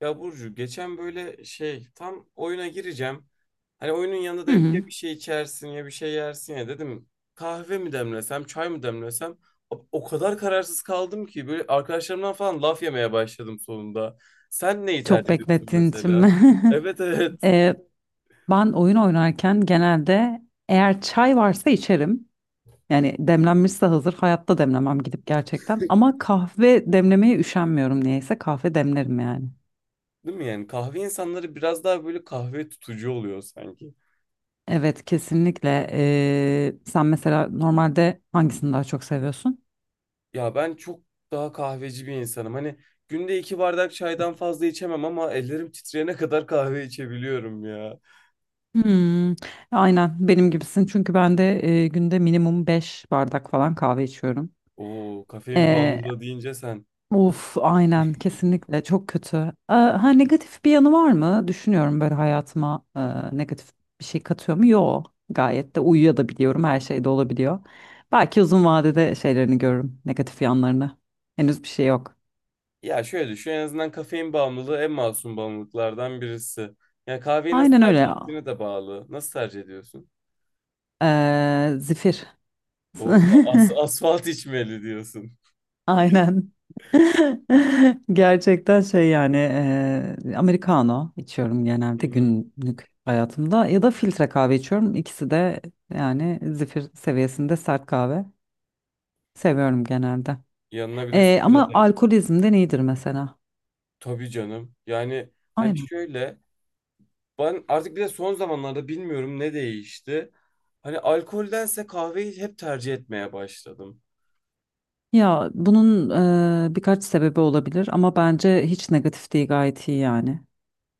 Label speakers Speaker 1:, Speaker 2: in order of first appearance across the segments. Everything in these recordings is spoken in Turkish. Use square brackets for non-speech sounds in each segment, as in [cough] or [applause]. Speaker 1: Ya Burcu geçen böyle şey tam oyuna gireceğim. Hani oyunun yanında da
Speaker 2: Hı
Speaker 1: hep ya
Speaker 2: hı.
Speaker 1: bir şey içersin ya bir şey yersin ya dedim. Kahve mi demlesem çay mı demlesem o kadar kararsız kaldım ki böyle arkadaşlarımdan falan laf yemeye başladım sonunda. Sen neyi
Speaker 2: Çok
Speaker 1: tercih ediyorsun
Speaker 2: beklettiğin için mi?
Speaker 1: mesela?
Speaker 2: [laughs]
Speaker 1: Evet evet.
Speaker 2: Ee, ben oyun oynarken genelde eğer çay varsa içerim. Yani demlenmişse hazır, hayatta demlemem gidip gerçekten.
Speaker 1: [laughs]
Speaker 2: Ama kahve demlemeye üşenmiyorum niyeyse, kahve demlerim yani.
Speaker 1: Değil mi yani kahve insanları biraz daha böyle kahve tutucu oluyor sanki.
Speaker 2: Evet, kesinlikle. Sen mesela normalde hangisini daha çok seviyorsun?
Speaker 1: Ya ben çok daha kahveci bir insanım. Hani günde 2 bardak çaydan fazla içemem ama ellerim titreyene kadar kahve içebiliyorum ya.
Speaker 2: Hmm, aynen benim gibisin çünkü ben de günde minimum 5 bardak falan kahve içiyorum.
Speaker 1: Oo, kafein
Speaker 2: Ee,
Speaker 1: bağımlılığı deyince sen.
Speaker 2: Of, aynen kesinlikle, çok kötü. Ha negatif bir yanı var mı? Düşünüyorum, böyle hayatıma negatif bir şey katıyor mu? Yok. Gayet de uyuyabiliyorum. Her şey de olabiliyor. Belki uzun vadede şeylerini görürüm, negatif yanlarını. Henüz bir şey yok.
Speaker 1: Ya şöyle düşün en azından kafein bağımlılığı en masum bağımlılıklardan birisi. Yani kahveyi nasıl
Speaker 2: Aynen öyle.
Speaker 1: tercih ettiğine de bağlı. Nasıl tercih ediyorsun?
Speaker 2: Zifir.
Speaker 1: O as
Speaker 2: [laughs]
Speaker 1: asfalt içmeli diyorsun.
Speaker 2: Aynen. [laughs] Gerçekten şey yani Americano içiyorum
Speaker 1: Hı
Speaker 2: genelde
Speaker 1: hı.
Speaker 2: günlük hayatımda ya da filtre kahve içiyorum. İkisi de yani zifir seviyesinde sert kahve seviyorum genelde.
Speaker 1: Yanına bir de
Speaker 2: Eee,
Speaker 1: sigara
Speaker 2: ama
Speaker 1: tercih ediyorsun.
Speaker 2: alkolizmden iyidir mesela.
Speaker 1: Tabii canım. Yani hani
Speaker 2: Aynen.
Speaker 1: şöyle. Ben artık bir de son zamanlarda bilmiyorum ne değişti. Hani alkoldense kahveyi hep tercih etmeye başladım.
Speaker 2: Ya bunun birkaç sebebi olabilir ama bence hiç negatif değil, gayet iyi yani.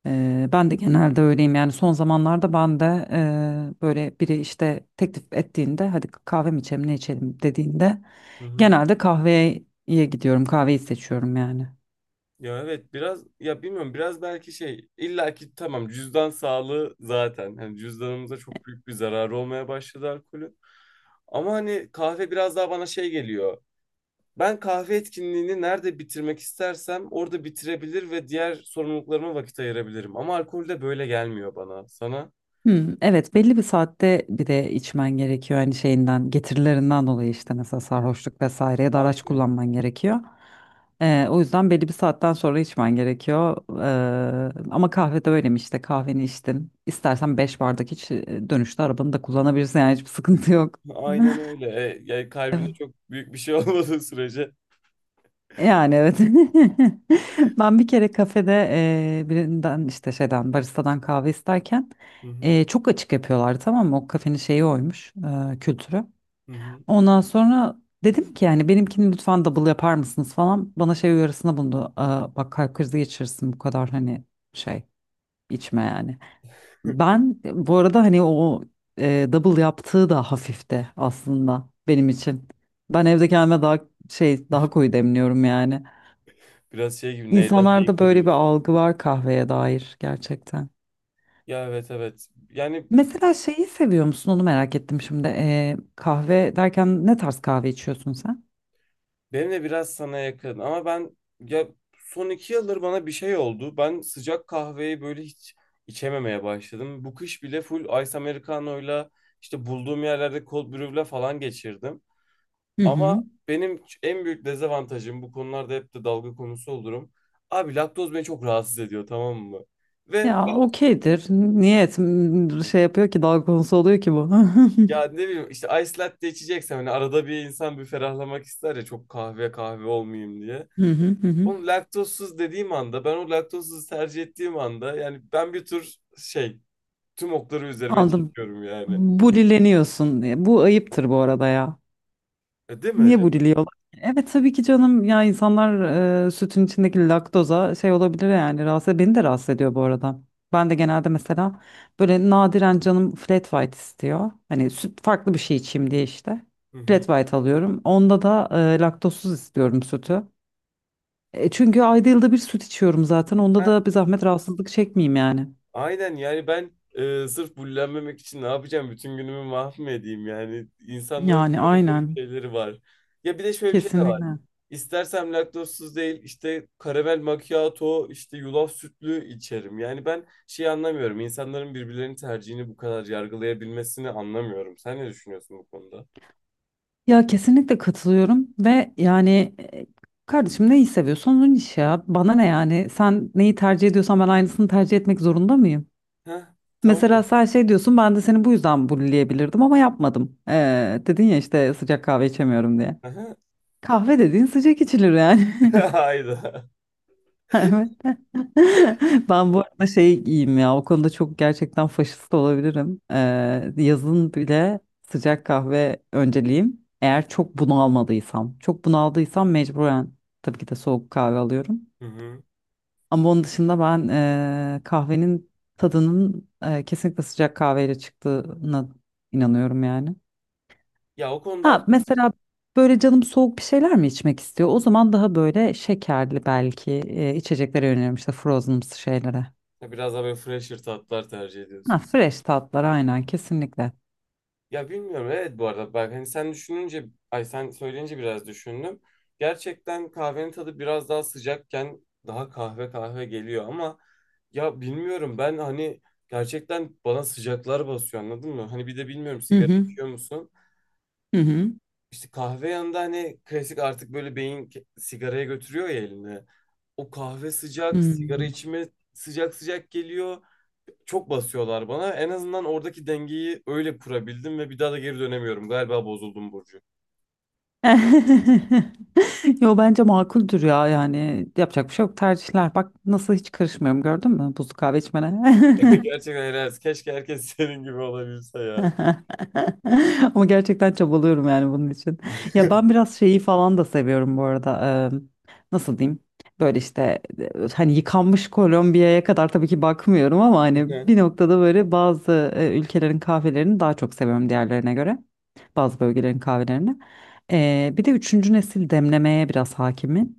Speaker 2: Ben de genelde öyleyim yani son zamanlarda ben de böyle biri işte teklif ettiğinde hadi kahve mi içelim ne içelim dediğinde,
Speaker 1: Hı hı.
Speaker 2: genelde kahveye gidiyorum, kahveyi seçiyorum yani.
Speaker 1: Ya evet biraz ya bilmiyorum biraz belki şey illaki tamam cüzdan sağlığı zaten hani cüzdanımıza çok büyük bir zararı olmaya başladı alkolün. Ama hani kahve biraz daha bana şey geliyor. Ben kahve etkinliğini nerede bitirmek istersem orada bitirebilir ve diğer sorumluluklarıma vakit ayırabilirim. Ama alkolde böyle gelmiyor bana. Sana?
Speaker 2: Hmm, evet, belli bir saatte bir de içmen gerekiyor hani şeyinden, getirilerinden dolayı, işte mesela sarhoşluk vesaireye de araç
Speaker 1: Aynen.
Speaker 2: kullanman gerekiyor. O yüzden belli bir saatten sonra içmen gerekiyor. Ama kahvede öyle mi? İşte kahveni içtin, istersen 5 bardak iç, dönüşte arabanı da kullanabilirsin yani, hiçbir sıkıntı yok. [laughs]
Speaker 1: Aynen öyle. E, yani kalbine çok büyük bir şey [laughs] olmadığı sürece.
Speaker 2: Yani evet. [laughs] Ben bir kere kafede birinden, işte şeyden, baristadan kahve isterken
Speaker 1: Hı hı.
Speaker 2: çok açık yapıyorlar, tamam mı? O kafenin şeyi oymuş, kültürü.
Speaker 1: Hı hı.
Speaker 2: Ondan sonra dedim ki yani, "Benimkini lütfen double yapar mısınız" falan. Bana şey uyarısında bulundu. "Aa, bak, kalp krizi geçirirsin bu kadar, hani şey içme yani."
Speaker 1: [laughs]
Speaker 2: Ben bu arada hani o double yaptığı da hafifti aslında benim için. Ben evde kendime daha şey, daha koyu demliyorum yani.
Speaker 1: biraz şey gibi neyden neyi
Speaker 2: İnsanlarda böyle bir
Speaker 1: koruyoruz.
Speaker 2: algı var kahveye dair, gerçekten.
Speaker 1: Ya evet evet. Yani
Speaker 2: Mesela şeyi seviyor musun, onu merak ettim şimdi. Kahve derken ne tarz kahve içiyorsun sen?
Speaker 1: benim de biraz sana yakın ama ben ya son 2 yıldır bana bir şey oldu. Ben sıcak kahveyi böyle hiç içememeye başladım. Bu kış bile full Ice Americano'yla işte bulduğum yerlerde cold brew'le falan geçirdim.
Speaker 2: Hı
Speaker 1: Ama
Speaker 2: hı.
Speaker 1: benim en büyük dezavantajım bu konularda hep de dalga konusu olurum. Abi laktoz beni çok rahatsız ediyor tamam mı? Ve
Speaker 2: Ya okeydir. Niyet şey yapıyor ki dalga konusu oluyor ki bu? [laughs] Hı
Speaker 1: ya ne bileyim işte ice latte içeceksem hani arada bir insan bir ferahlamak ister ya çok kahve kahve olmayayım diye.
Speaker 2: hı hı. Hı.
Speaker 1: Onu laktozsuz dediğim anda ben o laktozsuz tercih ettiğim anda yani ben bir tür şey tüm okları üzerime
Speaker 2: Anladım.
Speaker 1: çekiyorum yani.
Speaker 2: Bulileniyorsun. Bu ayıptır bu arada ya.
Speaker 1: E, değil mi?
Speaker 2: Niye
Speaker 1: Değil mi?
Speaker 2: buliliyorlar? Evet tabii ki canım, ya insanlar sütün içindeki laktoza şey olabilir yani, rahatsız, beni de rahatsız ediyor bu arada. Ben de genelde mesela böyle nadiren canım flat white istiyor. Hani süt, farklı bir şey içeyim diye, işte.
Speaker 1: Hı
Speaker 2: Flat
Speaker 1: hı.
Speaker 2: white alıyorum. Onda da laktozsuz istiyorum sütü. Çünkü ayda yılda bir süt içiyorum zaten. Onda da bir zahmet rahatsızlık çekmeyeyim yani.
Speaker 1: Aynen yani ben sırf bullenmemek için ne yapacağım? Bütün günümü mahvedeyim yani. İnsanların
Speaker 2: Yani
Speaker 1: böyle garip
Speaker 2: aynen.
Speaker 1: şeyleri var. Ya bir de şöyle bir şey de var.
Speaker 2: Kesinlikle.
Speaker 1: İstersem laktozsuz değil işte karamel macchiato işte yulaf sütlü içerim. Yani ben şey anlamıyorum. İnsanların birbirlerinin tercihini bu kadar yargılayabilmesini anlamıyorum. Sen ne düşünüyorsun bu konuda?
Speaker 2: Ya kesinlikle katılıyorum ve yani, kardeşim, neyi seviyorsan onun işi ya. Bana ne yani? Sen neyi tercih ediyorsan ben aynısını tercih etmek zorunda mıyım?
Speaker 1: Heh,
Speaker 2: Mesela
Speaker 1: tamam.
Speaker 2: sen şey diyorsun, ben de seni bu yüzden bulleyebilirdim ama yapmadım. Dedin ya işte, "Sıcak kahve içemiyorum" diye.
Speaker 1: Aha.
Speaker 2: Kahve dediğin sıcak içilir yani.
Speaker 1: [laughs]
Speaker 2: [laughs]
Speaker 1: Hayda.
Speaker 2: [laughs] Evet. [laughs] Ben bu arada şey giyeyim ya. O konuda çok gerçekten faşist olabilirim. Yazın bile sıcak kahve önceliğim, eğer çok bunalmadıysam. Çok bunaldıysam mecburen tabii ki de soğuk kahve alıyorum.
Speaker 1: Hı hı.
Speaker 2: Ama onun dışında ben kahvenin tadının kesinlikle sıcak kahveyle çıktığına inanıyorum yani.
Speaker 1: Ya o konuda
Speaker 2: Ha,
Speaker 1: haklısın.
Speaker 2: mesela böyle canım soğuk bir şeyler mi içmek istiyor? O zaman daha böyle şekerli belki içeceklere yöneliyorum, işte frozen şeylere.
Speaker 1: Ya biraz daha böyle fresher tatlar tercih
Speaker 2: Ha,
Speaker 1: ediyorsun.
Speaker 2: fresh tatlar, aynen kesinlikle.
Speaker 1: Ya bilmiyorum evet bu arada bak hani sen düşününce ay sen söyleyince biraz düşündüm. Gerçekten kahvenin tadı biraz daha sıcakken daha kahve kahve geliyor ama ya bilmiyorum ben hani gerçekten bana sıcaklar basıyor anladın mı? Hani bir de bilmiyorum
Speaker 2: Hı
Speaker 1: sigara
Speaker 2: hı.
Speaker 1: içiyor musun?
Speaker 2: Hı hı.
Speaker 1: İşte kahve yanında hani klasik artık böyle sigaraya götürüyor ya elini. O kahve sıcak, sigara
Speaker 2: Hmm.
Speaker 1: içme sıcak sıcak geliyor çok basıyorlar bana. En azından oradaki dengeyi öyle kurabildim ve bir daha da geri dönemiyorum. Galiba bozuldum Burcu.
Speaker 2: [laughs] Yo, bence makuldür ya, yani yapacak bir şey yok, tercihler. Bak nasıl hiç karışmıyorum, gördün mü, buzlu kahve içmene.
Speaker 1: [laughs]
Speaker 2: [laughs]
Speaker 1: Gerçekten helal olsun. Keşke herkes [laughs] senin gibi olabilse ya.
Speaker 2: [laughs] Ama gerçekten çabalıyorum yani bunun için. Ya ben biraz şeyi falan da seviyorum bu arada. Eee, nasıl diyeyim? Böyle işte, hani yıkanmış Kolombiya'ya kadar tabii ki bakmıyorum, ama hani bir
Speaker 1: [laughs]
Speaker 2: noktada böyle bazı ülkelerin kahvelerini daha çok seviyorum diğerlerine göre. Bazı bölgelerin kahvelerini. Bir de üçüncü nesil demlemeye biraz hakimim.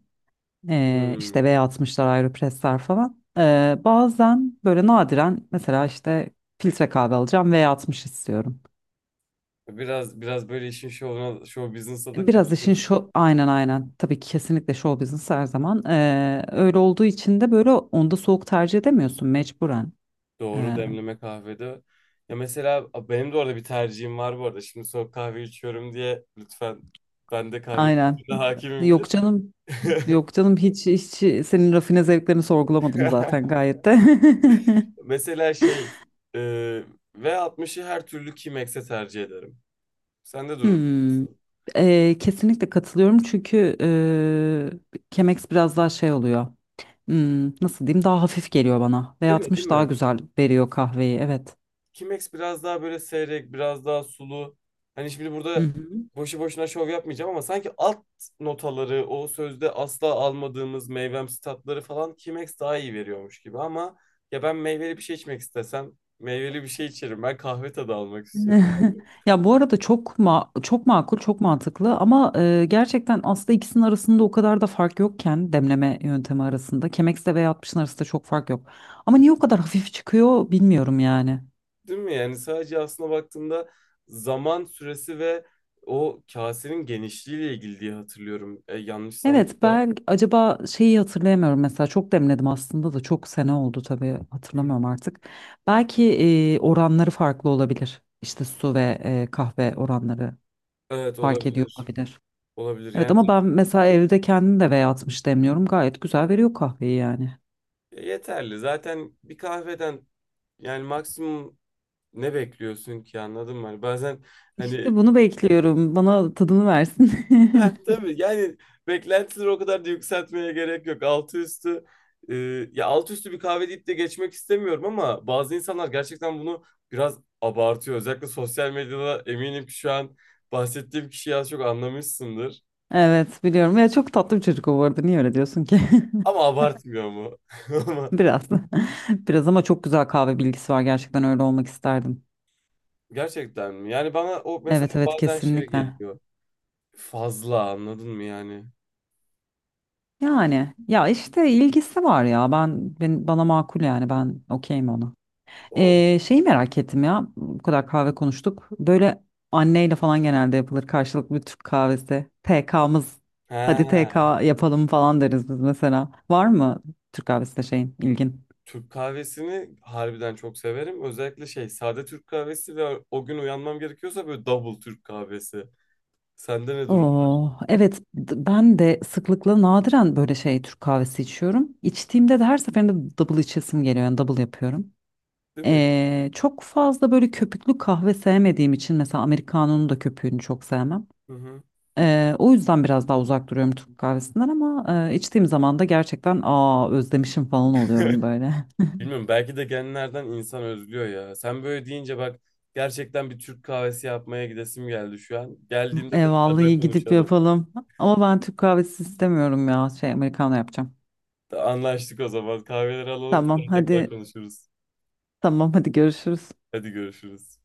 Speaker 2: İşte
Speaker 1: Hmm.
Speaker 2: V60'lar, Aeropress'ler falan. Bazen böyle nadiren, mesela işte filtre kahve alacağım, V60 istiyorum.
Speaker 1: Biraz böyle işin şovuna, show business'a da
Speaker 2: Biraz işin
Speaker 1: kaçıyorsun.
Speaker 2: şu, aynen aynen tabii ki, kesinlikle show business her zaman. Öyle olduğu için de böyle, onda soğuk tercih edemiyorsun mecburen.
Speaker 1: Doğru
Speaker 2: Ee,
Speaker 1: demleme kahvede. Ya mesela benim de orada bir tercihim var bu arada. Şimdi soğuk kahve içiyorum diye lütfen ben de kahve
Speaker 2: aynen
Speaker 1: kültürüne hakimimdir.
Speaker 2: Yok canım,
Speaker 1: [laughs]
Speaker 2: yok canım, hiç hiç senin rafine zevklerini sorgulamadım zaten, gayet de. [laughs]
Speaker 1: Mesela şey e, V60'ı her türlü Chemex'e tercih ederim. Sende durum
Speaker 2: Hmm.
Speaker 1: nasıl?
Speaker 2: Kesinlikle katılıyorum çünkü Chemex biraz daha şey oluyor. Nasıl diyeyim, daha hafif geliyor bana ve
Speaker 1: Değil mi? Değil
Speaker 2: 60 daha
Speaker 1: mi?
Speaker 2: güzel veriyor kahveyi, evet.
Speaker 1: Kimex biraz daha böyle seyrek, biraz daha sulu. Hani şimdi
Speaker 2: Hı
Speaker 1: burada
Speaker 2: hı.
Speaker 1: boşu boşuna şov yapmayacağım ama sanki alt notaları, o sözde asla almadığımız meyvemsi tatları falan Kimex daha iyi veriyormuş gibi ama ya ben meyveli bir şey içmek istesem meyveli bir şey içerim. Ben kahve tadı almak istiyorum
Speaker 2: [laughs]
Speaker 1: abi.
Speaker 2: Ya bu arada çok çok makul, çok mantıklı ama gerçekten aslında ikisinin arasında o kadar da fark yokken, demleme yöntemi arasında, Chemex'le ve 60'ın arasında çok fark yok. Ama niye o kadar [laughs] hafif çıkıyor bilmiyorum yani.
Speaker 1: Değil mi? Yani sadece aslında baktığımda zaman süresi ve o kasenin genişliğiyle ilgili diye hatırlıyorum. E, yanlışsam
Speaker 2: Evet,
Speaker 1: da.
Speaker 2: ben acaba şeyi hatırlayamıyorum mesela, çok demledim aslında da çok sene oldu tabii,
Speaker 1: Hı.
Speaker 2: hatırlamıyorum artık. Belki oranları farklı olabilir. İşte su ve kahve oranları
Speaker 1: Evet
Speaker 2: fark ediyor
Speaker 1: olabilir.
Speaker 2: olabilir.
Speaker 1: Olabilir
Speaker 2: Evet,
Speaker 1: yani
Speaker 2: ama ben mesela evde kendim de V atmış demliyorum. Gayet güzel veriyor kahveyi yani.
Speaker 1: yeterli. Zaten bir kahveden yani maksimum ne bekliyorsun ki anladın mı? Hani bazen hani
Speaker 2: İşte
Speaker 1: [laughs]
Speaker 2: bunu bekliyorum. Bana tadını versin.
Speaker 1: heh,
Speaker 2: [laughs]
Speaker 1: tabii yani beklentileri o kadar da yükseltmeye gerek yok. E, altı üstü bir kahve deyip de geçmek istemiyorum ama bazı insanlar gerçekten bunu biraz abartıyor. Özellikle sosyal medyada eminim ki şu an bahsettiğim kişiyi az çok anlamışsındır.
Speaker 2: Evet biliyorum. Ya çok tatlı bir çocuk o, bu arada. Niye öyle diyorsun ki?
Speaker 1: Ama abartmıyor mu? [laughs]
Speaker 2: [laughs]
Speaker 1: Ama
Speaker 2: Biraz. [laughs] Biraz, ama çok güzel kahve bilgisi var. Gerçekten öyle olmak isterdim.
Speaker 1: gerçekten mi? Yani bana o mesela
Speaker 2: Evet evet,
Speaker 1: bazen şey
Speaker 2: kesinlikle.
Speaker 1: geliyor. Fazla anladın mı yani?
Speaker 2: Yani ya işte ilgisi var ya. Ben bana makul yani. Ben okeyim ona.
Speaker 1: Yani
Speaker 2: Şeyi merak ettim ya. Bu kadar kahve konuştuk. Böyle anneyle falan genelde yapılır karşılıklı bir Türk kahvesi. TK'mız. Hadi TK
Speaker 1: He.
Speaker 2: yapalım falan deriz biz mesela. Var mı Türk kahvesinde şeyin, ilgin?
Speaker 1: Türk kahvesini harbiden çok severim. Özellikle şey sade Türk kahvesi ve o gün uyanmam gerekiyorsa böyle double Türk kahvesi. Sende ne durum
Speaker 2: Oo, evet, ben de sıklıkla, nadiren böyle şey, Türk kahvesi içiyorum. İçtiğimde de her seferinde double içesim geliyor yani, double yapıyorum.
Speaker 1: değil mi?
Speaker 2: Çok fazla böyle köpüklü kahve sevmediğim için mesela Americano'nun da köpüğünü çok sevmem.
Speaker 1: Hı hı.
Speaker 2: O yüzden biraz daha uzak duruyorum Türk kahvesinden, ama içtiğim zaman da gerçekten, aa, özlemişim falan oluyorum
Speaker 1: [laughs]
Speaker 2: böyle.
Speaker 1: Bilmiyorum belki de genlerden insan özlüyor ya. Sen böyle deyince bak gerçekten bir Türk kahvesi yapmaya gidesim geldi şu an.
Speaker 2: [laughs]
Speaker 1: Geldiğimde
Speaker 2: E,
Speaker 1: tekrardan
Speaker 2: vallahi gidip
Speaker 1: konuşalım.
Speaker 2: yapalım. Ama ben Türk kahvesi istemiyorum ya. Şey, Americano yapacağım.
Speaker 1: Anlaştık o zaman. Kahveleri alalım
Speaker 2: Tamam,
Speaker 1: sonra tekrar
Speaker 2: hadi.
Speaker 1: konuşuruz.
Speaker 2: Tamam, hadi görüşürüz.
Speaker 1: Hadi görüşürüz.